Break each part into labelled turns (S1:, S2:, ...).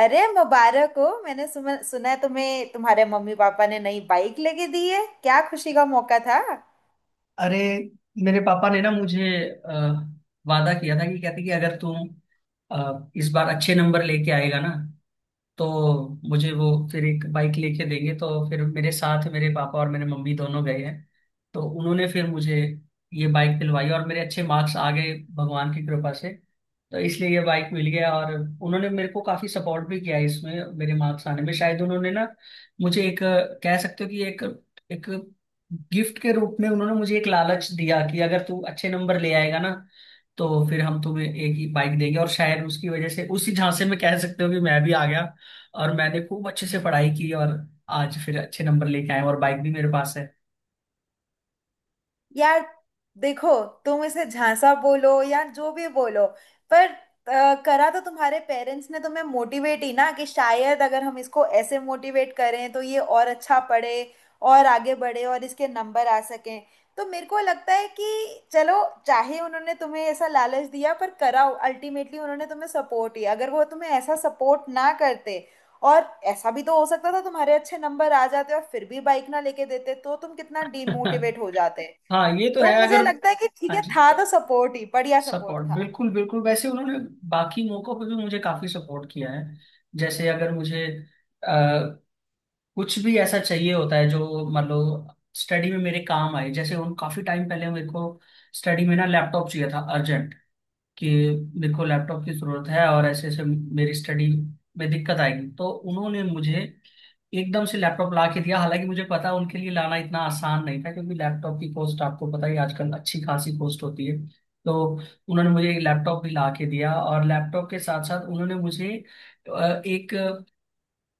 S1: अरे, मुबारक हो। मैंने सुना सुना है तुम्हें तुम्हारे मम्मी पापा ने नई बाइक लेके दी है। क्या खुशी का मौका था।
S2: अरे, मेरे पापा ने ना मुझे अ, वादा किया था, कि कहते कि अगर तुम इस बार अच्छे नंबर लेके आएगा ना तो मुझे वो फिर एक बाइक लेके देंगे। तो फिर मेरे साथ मेरे पापा और मेरे मम्मी दोनों गए हैं, तो उन्होंने फिर मुझे ये बाइक दिलवाई और मेरे अच्छे मार्क्स आ गए भगवान की कृपा से। तो इसलिए ये बाइक मिल गया, और उन्होंने मेरे को काफी सपोर्ट भी किया इसमें। मेरे मार्क्स आने में शायद उन्होंने ना मुझे एक कह सकते हो कि एक एक गिफ्ट के रूप में उन्होंने मुझे एक लालच दिया कि अगर तू अच्छे नंबर ले आएगा ना तो फिर हम तुम्हें एक ही बाइक देंगे, और शायद उसकी वजह से उसी झांसे में कह सकते हो कि मैं भी आ गया, और मैंने खूब अच्छे से पढ़ाई की, और आज फिर अच्छे नंबर लेके आए और बाइक भी मेरे पास है।
S1: यार, देखो, तुम इसे झांसा बोलो या जो भी बोलो, पर करा तो तुम्हारे पेरेंट्स ने तुम्हें मोटिवेट ही ना, कि शायद अगर हम इसको ऐसे मोटिवेट करें तो ये और अच्छा पढ़े और आगे बढ़े और इसके नंबर आ सकें। तो मेरे को लगता है कि चलो, चाहे उन्होंने तुम्हें ऐसा लालच दिया, पर कराओ अल्टीमेटली उन्होंने तुम्हें सपोर्ट ही। अगर वो तुम्हें ऐसा सपोर्ट ना करते और ऐसा भी तो हो सकता था, तुम्हारे अच्छे नंबर आ जाते और फिर भी बाइक ना लेके देते तो तुम कितना डीमोटिवेट हो जाते।
S2: हाँ, ये तो
S1: तो
S2: है
S1: मुझे
S2: अगर।
S1: लगता है कि ठीक
S2: हाँ
S1: है,
S2: जी।
S1: था तो सपोर्ट ही, बढ़िया सपोर्ट
S2: सपोर्ट
S1: था।
S2: बिल्कुल बिल्कुल, वैसे उन्होंने बाकी मौकों पे भी मुझे काफी सपोर्ट किया है। जैसे अगर मुझे अ, कुछ भी ऐसा चाहिए होता है जो मान लो स्टडी में मेरे काम आए। जैसे उन काफी टाइम पहले मेरे को स्टडी में ना लैपटॉप चाहिए था अर्जेंट, कि मेरे को लैपटॉप की जरूरत है और ऐसे ऐसे मेरी स्टडी में दिक्कत आएगी, तो उन्होंने मुझे एकदम से लैपटॉप ला के दिया। हालांकि मुझे पता उनके लिए लाना इतना आसान नहीं था, क्योंकि लैपटॉप की कॉस्ट आपको पता ही, आजकल अच्छी खासी कॉस्ट होती है। तो उन्होंने मुझे एक लैपटॉप भी ला के दिया और लैपटॉप के साथ साथ उन्होंने मुझे एक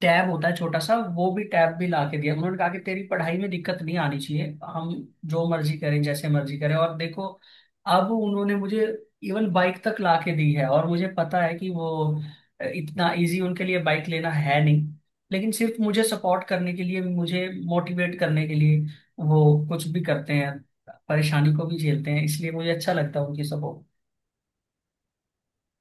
S2: टैब होता है छोटा सा, वो भी टैब भी ला के दिया। उन्होंने कहा कि तेरी पढ़ाई में दिक्कत नहीं आनी चाहिए, हम जो मर्जी करें जैसे मर्जी करें। और देखो, अब उन्होंने मुझे इवन बाइक तक ला के दी है, और मुझे पता है कि वो इतना इजी उनके लिए बाइक लेना है नहीं। लेकिन सिर्फ मुझे सपोर्ट करने के लिए, मुझे मोटिवेट करने के लिए वो कुछ भी करते हैं, परेशानी को भी झेलते हैं। इसलिए मुझे अच्छा लगता है उनकी सपोर्ट।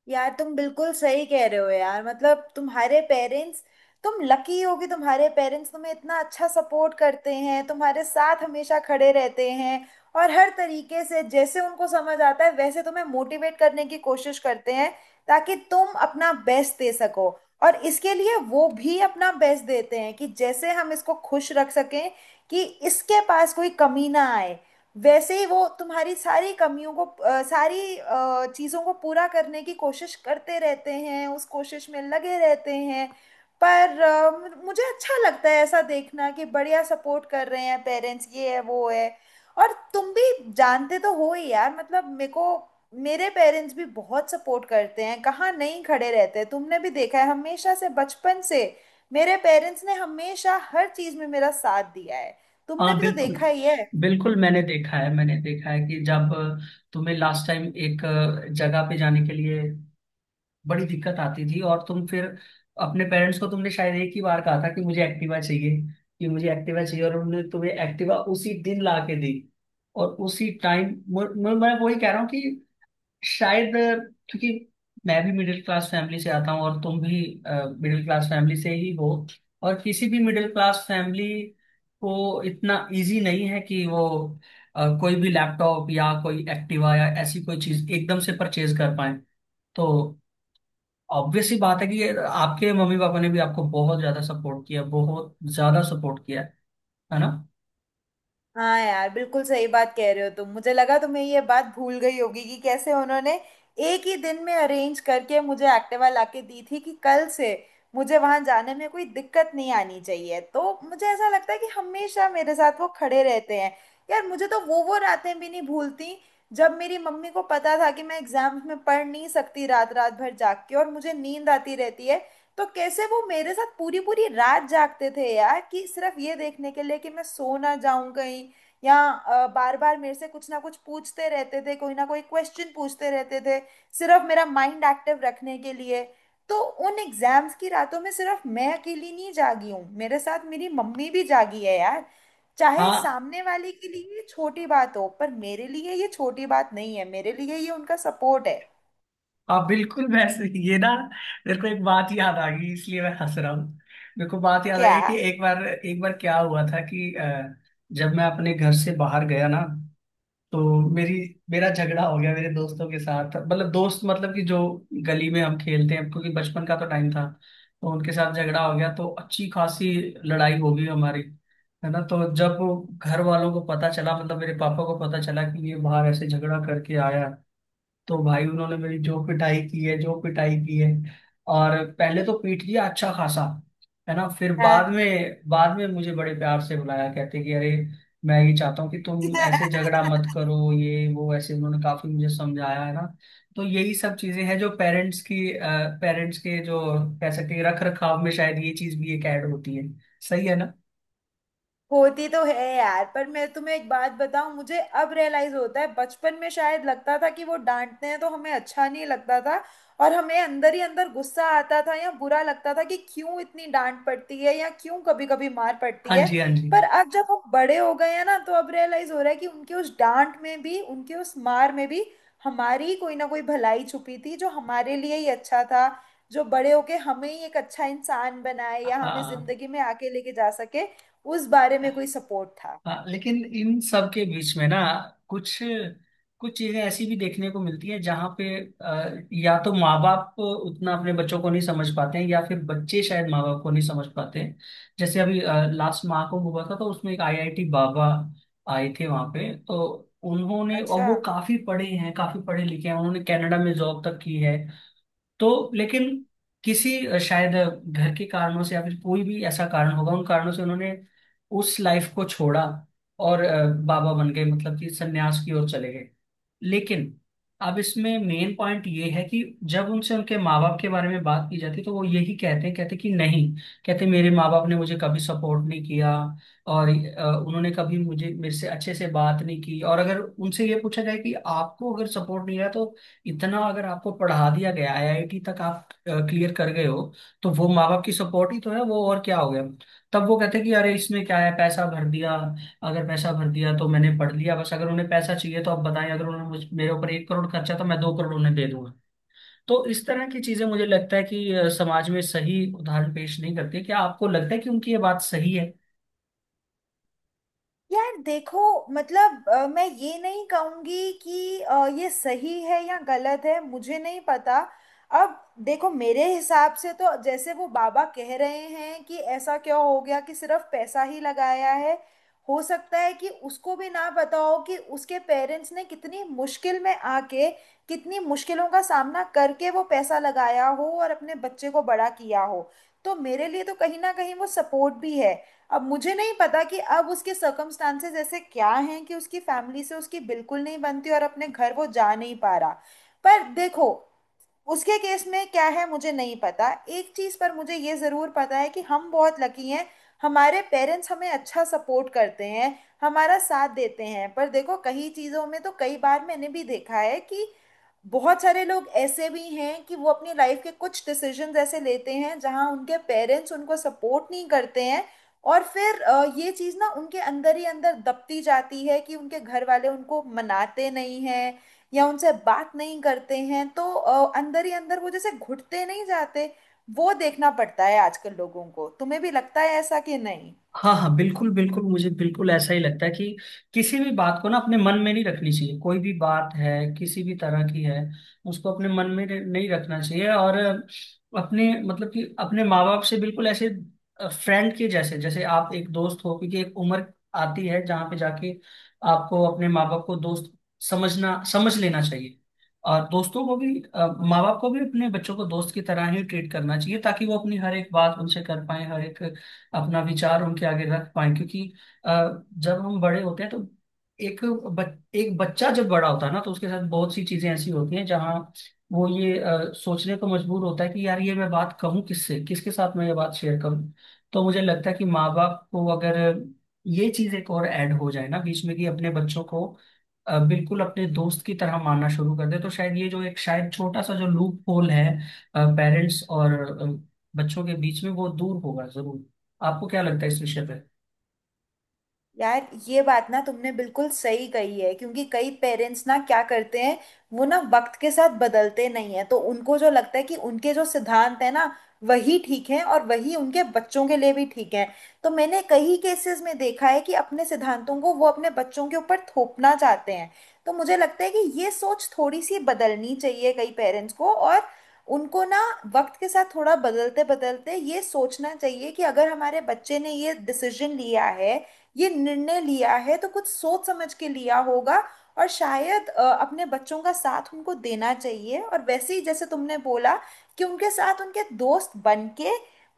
S1: यार, तुम बिल्कुल सही कह रहे हो यार। मतलब तुम्हारे पेरेंट्स, तुम लकी हो कि तुम्हारे पेरेंट्स तुम्हें इतना अच्छा सपोर्ट करते हैं, तुम्हारे साथ हमेशा खड़े रहते हैं और हर तरीके से जैसे उनको समझ आता है वैसे तुम्हें मोटिवेट करने की कोशिश करते हैं, ताकि तुम अपना बेस्ट दे सको। और इसके लिए वो भी अपना बेस्ट देते हैं कि जैसे हम इसको खुश रख सकें, कि इसके पास कोई कमी ना आए। वैसे ही वो तुम्हारी सारी कमियों को सारी चीजों को पूरा करने की कोशिश करते रहते हैं, उस कोशिश में लगे रहते हैं। पर मुझे अच्छा लगता है ऐसा देखना कि बढ़िया सपोर्ट कर रहे हैं पेरेंट्स, ये है वो है। और तुम भी जानते तो हो ही यार, मतलब मेरे को मेरे पेरेंट्स भी बहुत सपोर्ट करते हैं, कहाँ नहीं खड़े रहते। तुमने भी देखा है हमेशा से, बचपन से मेरे पेरेंट्स ने हमेशा हर चीज में मेरा साथ दिया है, तुमने
S2: हाँ
S1: भी तो
S2: बिल्कुल
S1: देखा ही है।
S2: बिल्कुल, मैंने देखा है, मैंने देखा है कि जब तुम्हें लास्ट टाइम एक जगह पे जाने के लिए बड़ी दिक्कत आती थी, और तुम फिर अपने पेरेंट्स को, तुमने शायद एक ही बार कहा था कि मुझे एक्टिवा चाहिए, कि मुझे एक्टिवा चाहिए, और उन्होंने तुम्हें एक्टिवा उसी दिन ला के दी। और उसी टाइम मैं वही कह रहा हूँ कि शायद, क्योंकि मैं भी मिडिल क्लास फैमिली से आता हूँ, और तुम भी मिडिल क्लास फैमिली से ही हो। और किसी भी मिडिल क्लास फैमिली को इतना इजी नहीं है कि वो कोई भी लैपटॉप या कोई एक्टिवा या ऐसी कोई चीज एकदम से परचेज कर पाए। तो ऑब्वियस सी बात है कि ये आपके मम्मी पापा ने भी आपको बहुत ज्यादा सपोर्ट किया, बहुत ज्यादा सपोर्ट किया, है ना?
S1: हाँ यार, बिल्कुल सही बात कह रहे हो तुम। मुझे लगा तुम्हें ये बात भूल गई होगी कि कैसे उन्होंने एक ही दिन में अरेंज करके मुझे एक्टिवा लाके दी थी, कि कल से मुझे वहां जाने में कोई दिक्कत नहीं आनी चाहिए। तो मुझे ऐसा लगता है कि हमेशा मेरे साथ वो खड़े रहते हैं। यार, मुझे तो वो रातें भी नहीं भूलती जब मेरी मम्मी को पता था कि मैं एग्जाम्स में पढ़ नहीं सकती रात रात भर जाग के, और मुझे नींद आती रहती है। तो कैसे वो मेरे साथ पूरी पूरी रात जागते थे यार, कि सिर्फ ये देखने के लिए कि मैं सो ना जाऊं कहीं, या बार बार मेरे से कुछ ना कुछ पूछते रहते थे, कोई ना कोई क्वेश्चन पूछते रहते थे, सिर्फ मेरा माइंड एक्टिव रखने के लिए। तो उन एग्जाम्स की रातों में सिर्फ मैं अकेली नहीं जागी हूँ, मेरे साथ मेरी मम्मी भी जागी है यार। चाहे
S2: हाँ
S1: सामने वाले के लिए ये छोटी बात हो पर मेरे लिए ये छोटी बात नहीं है, मेरे लिए ये उनका सपोर्ट है।
S2: आप बिल्कुल ये ना, मेरे को एक बात याद आ गई, इसलिए मैं हंस रहा हूँ। मेरे को बात याद
S1: क्या?
S2: आई कि एक बार, एक बार क्या हुआ था कि जब मैं अपने घर से बाहर गया ना, तो मेरी मेरा झगड़ा हो गया मेरे दोस्तों के साथ। मतलब दोस्त, मतलब कि जो गली में हम खेलते हैं, क्योंकि बचपन का तो टाइम था। तो उनके साथ झगड़ा हो गया, तो अच्छी खासी लड़ाई हो गई हमारी, है ना। तो जब वो घर वालों को पता चला, मतलब मेरे पापा को पता चला कि ये बाहर ऐसे झगड़ा करके आया, तो भाई उन्होंने मेरी जो पिटाई की है, जो पिटाई की है। और पहले तो पीट दिया अच्छा खासा, है ना। फिर
S1: हाँ।
S2: बाद में मुझे बड़े प्यार से बुलाया, कहते कि अरे, मैं ये चाहता हूँ कि तुम ऐसे झगड़ा मत करो, ये वो ऐसे उन्होंने काफी मुझे समझाया, है ना। तो यही सब चीजें हैं जो पेरेंट्स के जो कह सकते हैं रख रखाव में शायद ये चीज भी एक ऐड होती है। सही है ना।
S1: होती तो है यार, पर मैं तुम्हें एक बात बताऊं, मुझे अब रियलाइज होता है, बचपन में शायद लगता था कि वो डांटते हैं तो हमें अच्छा नहीं लगता था, और हमें अंदर ही अंदर गुस्सा आता था या बुरा लगता था कि क्यों इतनी डांट पड़ती है या क्यों कभी कभी मार पड़ती
S2: हाँ
S1: है।
S2: जी, हाँ जी।
S1: पर अब जब हम बड़े हो गए हैं ना, तो अब रियलाइज हो रहा है कि उनके उस डांट में भी, उनके उस मार में भी हमारी ही कोई ना कोई भलाई छुपी थी, जो हमारे लिए ही अच्छा था, जो बड़े होके हमें ही एक अच्छा इंसान बनाए या हमें
S2: हाँ
S1: जिंदगी में आगे लेके जा सके। उस बारे में कोई सपोर्ट था।
S2: हाँ, लेकिन इन सब के बीच में ना कुछ कुछ चीजें ऐसी भी देखने को मिलती है, जहाँ पे या तो माँ बाप उतना अपने बच्चों को नहीं समझ पाते हैं, या फिर बच्चे शायद माँ बाप को नहीं समझ पाते हैं। जैसे अभी लास्ट माह को हुआ था, तो उसमें एक आईआईटी बाबा आए थे वहाँ पे। तो उन्होंने, और
S1: अच्छा।
S2: वो काफी पढ़े हैं, काफी पढ़े लिखे हैं, उन्होंने कनाडा में जॉब तक की है। तो लेकिन किसी शायद घर के कारणों से या फिर कोई भी ऐसा कारण होगा, उन कारणों से उन्होंने उस लाइफ को छोड़ा और बाबा बन गए, मतलब कि सन्यास की ओर चले गए। लेकिन अब इसमें मेन पॉइंट ये है कि जब उनसे उनके माँ बाप के बारे में बात की जाती है, तो वो यही कहते हैं, कहते कि नहीं, कहते मेरे माँ बाप ने मुझे कभी सपोर्ट नहीं किया। और उन्होंने कभी मुझे, मेरे से अच्छे से बात नहीं की। और अगर उनसे ये पूछा जाए कि आपको अगर सपोर्ट नहीं रहा, तो इतना अगर आपको पढ़ा दिया गया, आईआईटी तक आप क्लियर कर गए हो, तो वो माँ बाप की सपोर्ट ही तो है, वो और क्या हो गया। तब वो कहते कि अरे इसमें क्या है, पैसा भर दिया। अगर पैसा भर दिया तो मैंने पढ़ लिया, बस। अगर उन्हें पैसा चाहिए तो आप बताएं, अगर उन्होंने मुझ मेरे ऊपर 1 करोड़ खर्चा तो मैं 2 करोड़ उन्हें दे दूंगा। तो इस तरह की चीजें मुझे लगता है कि समाज में सही उदाहरण पेश नहीं करती। क्या आपको लगता है कि उनकी ये बात सही है?
S1: यार देखो, मतलब मैं ये नहीं कहूंगी कि ये सही है या गलत है, मुझे नहीं पता। अब देखो, मेरे हिसाब से तो जैसे वो बाबा कह रहे हैं कि ऐसा क्या हो गया कि सिर्फ पैसा ही लगाया है। हो सकता है कि उसको भी ना पता हो कि उसके पेरेंट्स ने कितनी मुश्किल में आके, कितनी मुश्किलों का सामना करके वो पैसा लगाया हो और अपने बच्चे को बड़ा किया हो। तो मेरे लिए तो कहीं ना कहीं वो सपोर्ट भी है। अब मुझे नहीं पता कि अब उसके सर्कमस्टांसेस ऐसे क्या हैं कि उसकी फैमिली से उसकी बिल्कुल नहीं बनती और अपने घर वो जा नहीं पा रहा। पर देखो, उसके केस में क्या है मुझे नहीं पता। एक चीज़ पर मुझे ये ज़रूर पता है कि हम बहुत लकी हैं, हमारे पेरेंट्स हमें अच्छा सपोर्ट करते हैं, हमारा साथ देते हैं। पर देखो, कई चीज़ों में तो कई बार मैंने भी देखा है कि बहुत सारे लोग ऐसे भी हैं कि वो अपनी लाइफ के कुछ डिसीजंस ऐसे लेते हैं जहां उनके पेरेंट्स उनको सपोर्ट नहीं करते हैं। और फिर ये चीज़ ना उनके अंदर ही अंदर दबती जाती है कि उनके घर वाले उनको मनाते नहीं हैं या उनसे बात नहीं करते हैं। तो अंदर ही अंदर वो जैसे घुटते नहीं जाते, वो देखना पड़ता है आजकल लोगों को। तुम्हें भी लगता है ऐसा कि नहीं?
S2: हाँ हाँ, बिल्कुल बिल्कुल, मुझे बिल्कुल ऐसा ही लगता है कि किसी भी बात को ना अपने मन में नहीं रखनी चाहिए, कोई भी बात है, किसी भी तरह की है। उसको अपने मन में नहीं रखना चाहिए। और अपने, मतलब कि अपने माँ बाप से बिल्कुल ऐसे फ्रेंड के जैसे, जैसे आप एक दोस्त हो। क्योंकि एक उम्र आती है जहाँ पे जाके आपको अपने माँ बाप को दोस्त समझ लेना चाहिए। और दोस्तों को भी माँ बाप को भी अपने बच्चों को दोस्त की तरह ही ट्रीट करना चाहिए, ताकि वो अपनी हर एक बात उनसे कर पाए, हर एक अपना विचार उनके आगे रख पाए। क्योंकि अ, जब हम बड़े होते हैं तो एक बच, एक बच्चा जब बड़ा होता है ना, तो उसके साथ बहुत सी चीजें ऐसी होती हैं जहाँ वो ये सोचने को मजबूर होता है कि यार ये मैं बात कहूँ किससे, किसके साथ मैं ये बात शेयर करूँ। तो मुझे लगता है कि माँ बाप को अगर ये चीज एक और ऐड हो जाए ना बीच में, कि अपने बच्चों को बिल्कुल अपने दोस्त की तरह मानना शुरू कर दे, तो शायद ये जो एक शायद छोटा सा जो लूप होल है पेरेंट्स और अ, बच्चों के बीच में, वो दूर होगा जरूर। आपको क्या लगता है इस विषय पे?
S1: यार, ये बात ना तुमने बिल्कुल सही कही है, क्योंकि कई पेरेंट्स ना क्या करते हैं, वो ना वक्त के साथ बदलते नहीं है। तो उनको जो लगता है कि उनके जो सिद्धांत है ना, वही ठीक है और वही उनके बच्चों के लिए भी ठीक है। तो मैंने कई केसेस में देखा है कि अपने सिद्धांतों को वो अपने बच्चों के ऊपर थोपना चाहते हैं। तो मुझे लगता है कि ये सोच थोड़ी सी बदलनी चाहिए कई पेरेंट्स को। और उनको ना वक्त के साथ थोड़ा बदलते बदलते ये सोचना चाहिए कि अगर हमारे बच्चे ने ये डिसीजन लिया है, ये निर्णय लिया है, तो कुछ सोच समझ के लिया होगा। और शायद अपने बच्चों का साथ उनको देना चाहिए और वैसे ही जैसे तुमने बोला कि उनके साथ उनके दोस्त बन के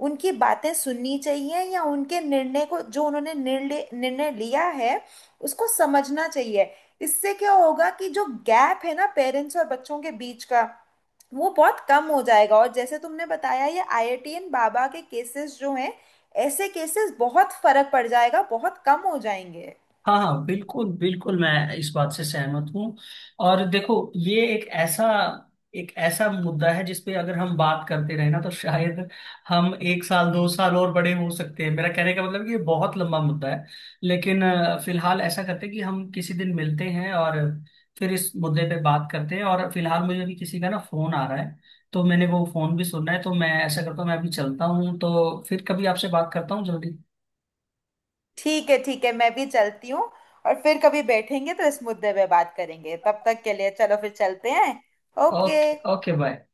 S1: उनकी बातें सुननी चाहिए या उनके निर्णय को, जो उन्होंने निर्णय निर्णय लिया है, उसको समझना चाहिए। इससे क्या होगा कि जो गैप है ना पेरेंट्स और बच्चों के बीच का, वो बहुत कम हो जाएगा। और जैसे तुमने बताया ये आईआईटीएन बाबा के केसेस जो हैं, ऐसे केसेस बहुत फर्क पड़ जाएगा, बहुत कम हो जाएंगे।
S2: हाँ हाँ, बिल्कुल बिल्कुल, मैं इस बात से सहमत हूँ। और देखो, ये एक ऐसा मुद्दा है जिसपे अगर हम बात करते रहे ना तो शायद हम 1 साल 2 साल और बड़े हो सकते हैं। मेरा कहने का मतलब है कि ये बहुत लंबा मुद्दा है। लेकिन फिलहाल ऐसा करते हैं कि हम किसी दिन मिलते हैं और फिर इस मुद्दे पे बात करते हैं। और फिलहाल मुझे अभी किसी का ना फोन आ रहा है, तो मैंने वो फोन भी सुनना है। तो मैं ऐसा करता हूँ, मैं अभी चलता हूँ, तो फिर कभी आपसे बात करता हूँ जल्दी।
S1: ठीक है ठीक है, मैं भी चलती हूँ। और फिर कभी बैठेंगे तो इस मुद्दे पे बात करेंगे, तब तक के लिए चलो फिर चलते हैं। ओके।
S2: Okay, okay, bye.